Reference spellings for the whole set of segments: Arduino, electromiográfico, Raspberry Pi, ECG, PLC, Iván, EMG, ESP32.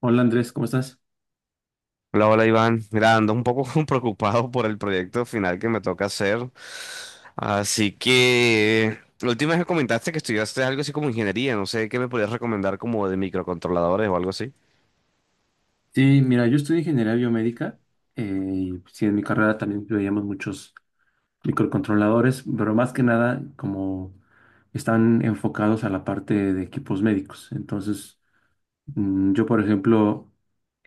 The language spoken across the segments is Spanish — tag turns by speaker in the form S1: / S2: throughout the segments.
S1: Hola Andrés, ¿cómo estás?
S2: Hola, hola Iván. Mira, ando un poco preocupado por el proyecto final que me toca hacer. Así que la última vez que comentaste que estudiaste algo así como ingeniería, no sé qué me podrías recomendar como de microcontroladores o algo así.
S1: Sí, mira, yo estudio ingeniería biomédica, eh, y sí, en mi carrera también veíamos muchos microcontroladores, pero más que nada como están enfocados a la parte de equipos médicos. Entonces, yo por ejemplo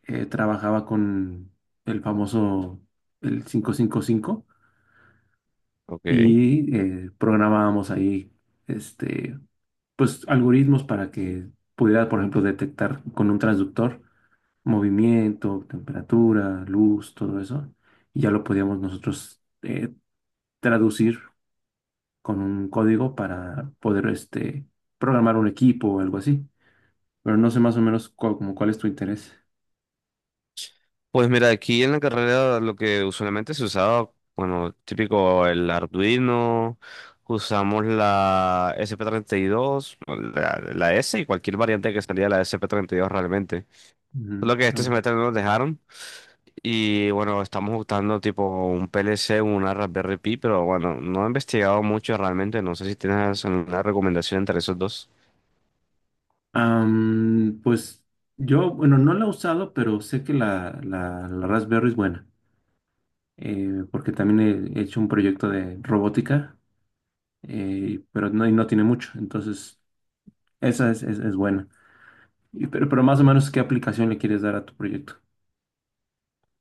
S1: trabajaba con el famoso el 555
S2: Ok.
S1: y cinco y programábamos ahí este, pues algoritmos para que pudiera, por ejemplo, detectar con un transductor movimiento, temperatura, luz, todo eso, y ya lo podíamos nosotros traducir con un código para poder programar un equipo o algo así. Pero no sé más o menos como cuál es tu interés.
S2: Pues mira, aquí en la carrera lo que usualmente se usaba, bueno, típico el Arduino, usamos la S P SP32, la S y cualquier variante que salía de la SP32 realmente.
S1: Ujú.
S2: Solo que este
S1: Ah.
S2: semestre no nos dejaron. Y bueno, estamos buscando tipo un PLC, una Raspberry Pi, pero bueno, no he investigado mucho realmente. No sé si tienes alguna recomendación entre esos dos.
S1: Pues yo, bueno, no la he usado, pero sé que la Raspberry es buena, porque también he hecho un proyecto de robótica, pero no, y no tiene mucho, entonces esa es buena. Pero, más o menos, ¿qué aplicación le quieres dar a tu proyecto?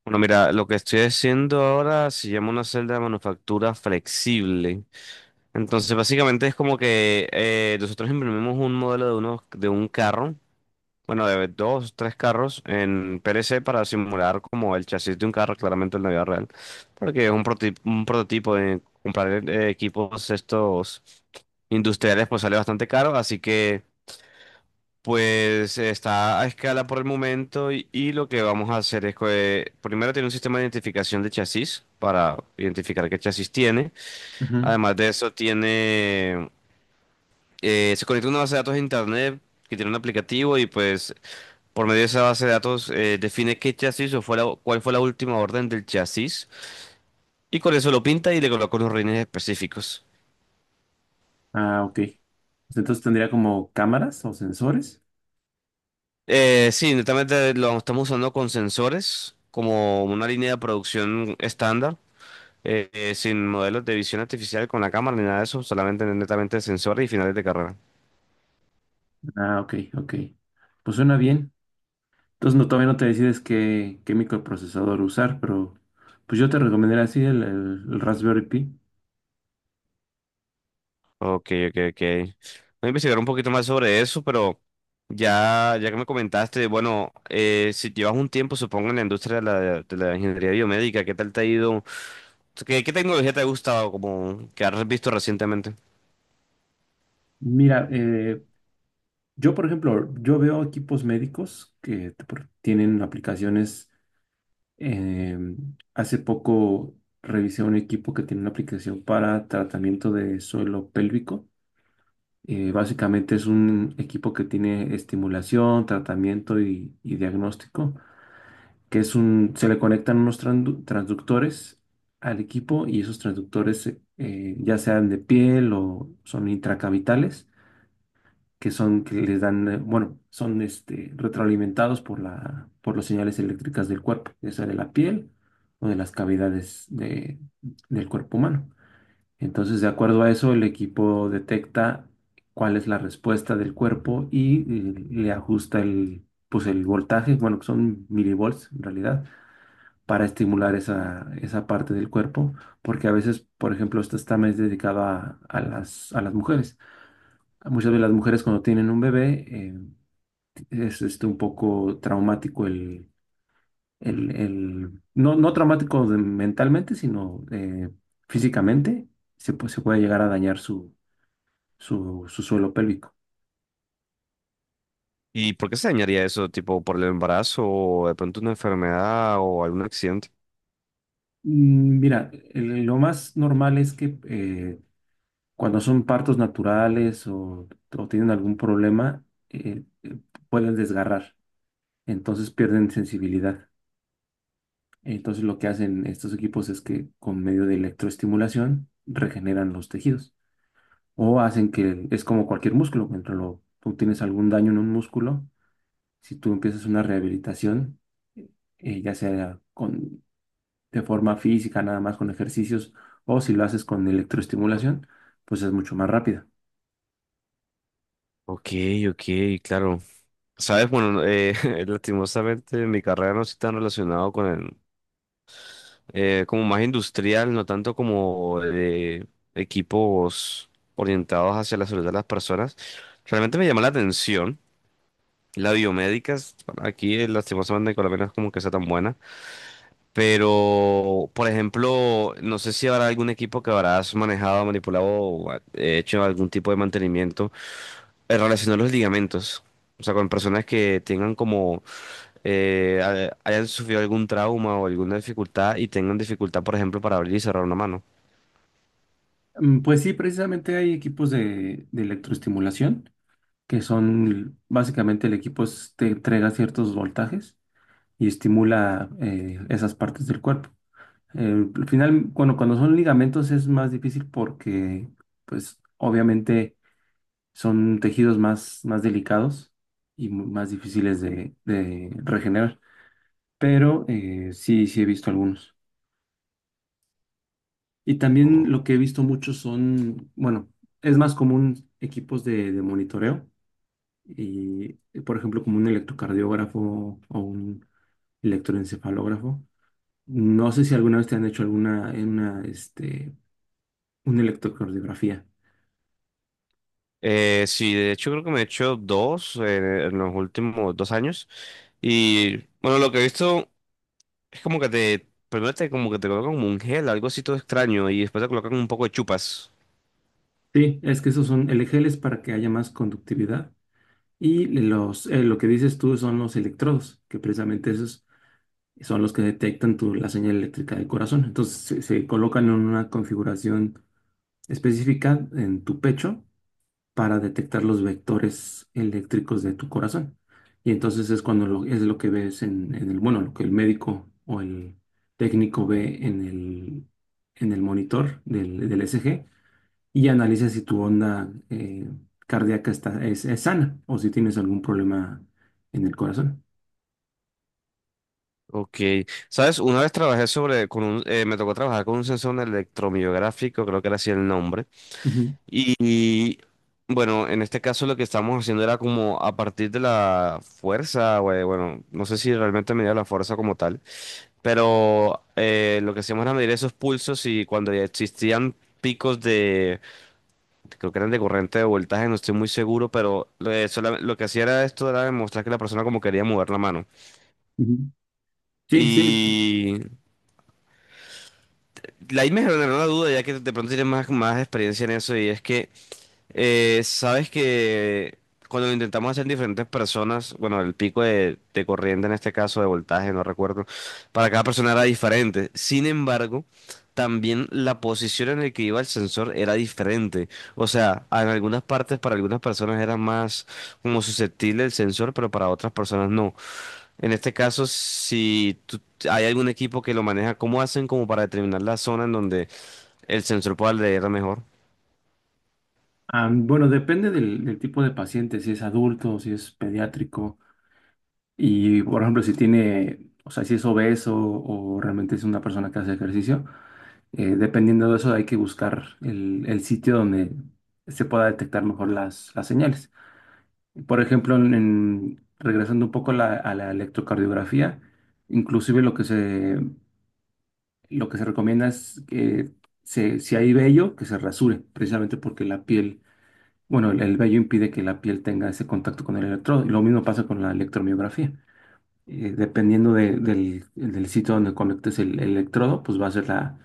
S2: Bueno, mira, lo que estoy haciendo ahora se llama una celda de manufactura flexible. Entonces, básicamente es como que nosotros imprimimos un modelo de un carro. Bueno, de dos, tres carros en PLC para simular como el chasis de un carro, claramente en la vida real. Porque es un prototipo de comprar equipos estos industriales, pues sale bastante caro. Así que, pues está a escala por el momento. Y lo que vamos a hacer es que primero tiene un sistema de identificación de chasis para identificar qué chasis tiene.
S1: Ujú.
S2: Además de eso, tiene se conecta a una base de datos de internet que tiene un aplicativo y pues. Por medio de esa base de datos, define qué chasis o cuál fue la última orden del chasis y con eso lo pinta y le coloca unos rines específicos.
S1: Ah, ok. Pues entonces tendría como cámaras o sensores.
S2: Sí, netamente lo estamos usando con sensores como una línea de producción estándar, sin modelos de visión artificial con la cámara ni nada de eso, solamente netamente sensores y finales de carrera.
S1: Ah, ok, ok. Pues suena bien. Entonces no, todavía no te decides qué microprocesador usar, pero pues yo te recomendaría así el Raspberry Pi.
S2: Ok, ok, ok. Voy a investigar un poquito más sobre eso, pero ya que me comentaste, bueno, si llevas un tiempo, supongo, en la industria de la ingeniería biomédica, ¿qué tal te ha ido? ¿Qué tecnología te ha gustado como que has visto recientemente?
S1: Mira, yo por ejemplo, yo veo equipos médicos que te tienen aplicaciones. eh, hace poco revisé un equipo que tiene una aplicación para tratamiento de suelo pélvico. Básicamente es un equipo que tiene estimulación, tratamiento y diagnóstico, que es un, se le conectan unos transductores al equipo y esos transductores ya sean de piel o son intracavitales, que son que les dan, bueno, son retroalimentados por por las señales eléctricas del cuerpo, ya sea de la piel o de las cavidades del cuerpo humano. Entonces, de acuerdo a eso, el equipo detecta cuál es la respuesta del cuerpo y le ajusta el, pues el voltaje, bueno, que son milivolts en realidad, para estimular esa parte del cuerpo, porque a veces, por ejemplo, esta está más dedicada a las mujeres. Muchas de las mujeres cuando tienen un bebé es un poco traumático no, no traumático mentalmente, sino físicamente, se puede llegar a dañar su suelo pélvico.
S2: ¿Y por qué se dañaría eso, tipo por el embarazo o de pronto una enfermedad o algún accidente?
S1: Mira, lo más normal es que cuando son partos naturales o tienen algún problema, eh, eh, pueden desgarrar, entonces pierden sensibilidad. Entonces lo que hacen estos equipos es que con medio de electroestimulación regeneran los tejidos o hacen que es como cualquier músculo, cuando tú tienes algún daño en un músculo, si tú empiezas una rehabilitación, ya sea con de forma física, nada más con ejercicios, o si lo haces con electroestimulación, pues es mucho más rápida.
S2: Ok, ok, claro. Sabes, bueno, lastimosamente mi carrera no está tan relacionado con el, como más industrial, no tanto como de equipos orientados hacia la salud de las personas. Realmente me llama la atención la biomédica, aquí lastimosamente en Colombia no es como que sea tan buena. Pero, por ejemplo, no sé si habrá algún equipo que habrás manejado, manipulado o hecho algún tipo de mantenimiento relacionado a los ligamentos. O sea, con personas que tengan como, hayan sufrido algún trauma o alguna dificultad y tengan dificultad, por ejemplo, para abrir y cerrar una mano.
S1: Pues sí, precisamente hay equipos de electroestimulación, que son básicamente el equipo te entrega ciertos voltajes y estimula esas partes del cuerpo. Al final, cuando son ligamentos es más difícil porque, pues obviamente son tejidos más delicados y más difíciles de regenerar. Pero sí, sí he visto algunos. Y también
S2: O-
S1: lo que he visto mucho son, bueno, es más común equipos de monitoreo y, por ejemplo, como un electrocardiógrafo o un electroencefalógrafo. No sé si alguna vez te han hecho alguna, una, una electrocardiografía.
S2: Sí, de hecho creo que me he hecho dos en los últimos 2 años. Y bueno, lo que he visto es como que te, primero te, como que te colocan como un gel, algo así todo extraño, y después te colocan un poco de chupas.
S1: Sí, es que esos son, el gel es para que haya más conductividad y los, lo que dices tú son los electrodos, que precisamente esos son los que detectan tu, la señal eléctrica del corazón. Entonces se colocan en una configuración específica en tu pecho para detectar los vectores eléctricos de tu corazón. Y entonces es cuando lo, es lo que ves en el, bueno, lo que el médico o el técnico ve en el monitor del ECG y analiza si tu onda cardíaca es sana o si tienes algún problema en el corazón.
S2: Ok, sabes, una vez trabajé sobre, con un, me tocó trabajar con un sensor electromiográfico, creo que era así el nombre.
S1: Ujú,
S2: Y bueno, en este caso lo que estábamos haciendo era como a partir de la fuerza, güey, bueno, no sé si realmente medía la fuerza como tal, pero lo que hacíamos era medir esos pulsos y cuando ya existían picos creo que eran de corriente de voltaje, no estoy muy seguro, pero lo que hacía era esto, era demostrar que la persona como quería mover la mano.
S1: ujú. Sí, sí.
S2: Y La ahí me generó una duda, ya que de pronto tienes más, más experiencia en eso, y es que, sabes que cuando lo intentamos hacer en diferentes personas, bueno, el pico de corriente en este caso, de voltaje, no recuerdo, para cada persona era diferente. Sin embargo, también la posición en la que iba el sensor era diferente. O sea, en algunas partes para algunas personas era más como susceptible el sensor, pero para otras personas no. En este caso, si tú- hay algún equipo que lo maneja, ¿cómo hacen como para determinar la zona en donde el sensor pueda leer mejor?
S1: Ah, bueno, depende del tipo de paciente, si es adulto, si es pediátrico y, por ejemplo, si tiene, o sea, si es obeso o realmente es una persona que hace ejercicio, dependiendo de eso hay que buscar el sitio donde se pueda detectar mejor las señales. Por ejemplo, regresando un poco a a la electrocardiografía, inclusive lo que lo que se recomienda es que si hay vello, que se rasure, precisamente porque la piel, bueno, el vello impide que la piel tenga ese contacto con el electrodo. Y lo mismo pasa con la electromiografía. Dependiendo del sitio donde conectes el electrodo, pues va a ser la,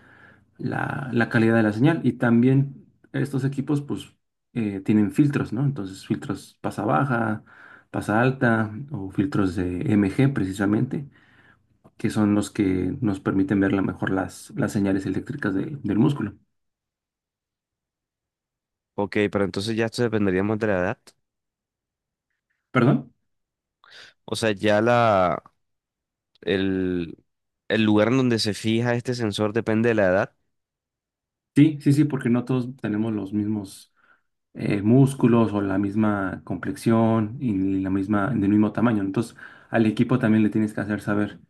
S1: la, la calidad de la señal. Y también estos equipos, pues, tienen filtros, ¿no? Entonces, filtros pasa baja, pasa alta, o filtros de MG precisamente, que son los que nos permiten ver la mejor las señales eléctricas del músculo.
S2: Ok, pero entonces ya esto dependería más de la edad.
S1: ¿Perdón?
S2: O sea, ya el, el lugar en donde se fija este sensor depende de la edad
S1: Sí, sí, sí, porque no todos tenemos los mismos músculos o la misma complexión y la misma, del mismo tamaño. Entonces, al equipo también le tienes que hacer saber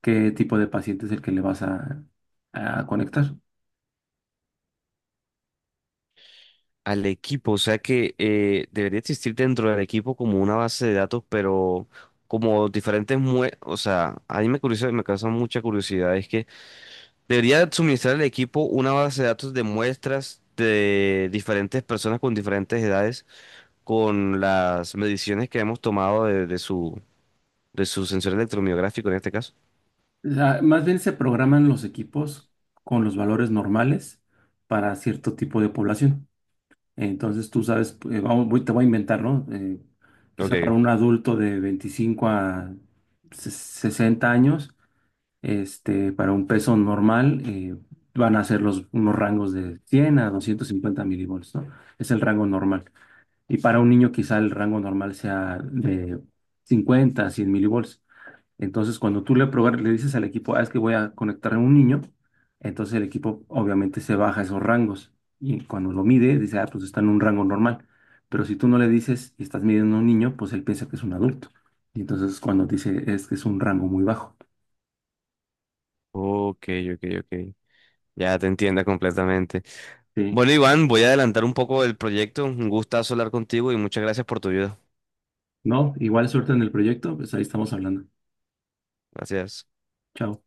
S1: qué tipo de paciente es el que le vas a conectar.
S2: al equipo. O sea que debería existir dentro del equipo como una base de datos, pero como O sea, a mí me curiosa, me causa mucha curiosidad. Es que debería suministrar al equipo una base de datos de muestras de diferentes personas con diferentes edades, con las mediciones que hemos tomado de su sensor electromiográfico en este caso.
S1: Más bien se programan los equipos con los valores normales para cierto tipo de población. Entonces tú sabes, vamos, te voy a inventar, ¿no?
S2: Ok,
S1: Quizá para un adulto de 25 a 60 años, para un peso normal, van a ser los, unos rangos de 100 a 250 mV, ¿no? Es el rango normal. Y para un niño quizá el rango normal sea de 50 a 100 mV. Entonces, cuando tú le, le dices al equipo, ah, es que voy a conectar a un niño, entonces el equipo obviamente se baja esos rangos y cuando lo mide dice, ah, pues está en un rango normal. Pero si tú no le dices y estás midiendo a un niño, pues él piensa que es un adulto. Y entonces cuando dice, es que es un rango muy bajo.
S2: ok, ok, ok. Ya te entienda completamente.
S1: Sí.
S2: Bueno, Iván, voy a adelantar un poco el proyecto. Un gustazo hablar contigo y muchas gracias por tu ayuda.
S1: No, igual suerte en el proyecto, pues ahí estamos hablando.
S2: Gracias.
S1: Chao.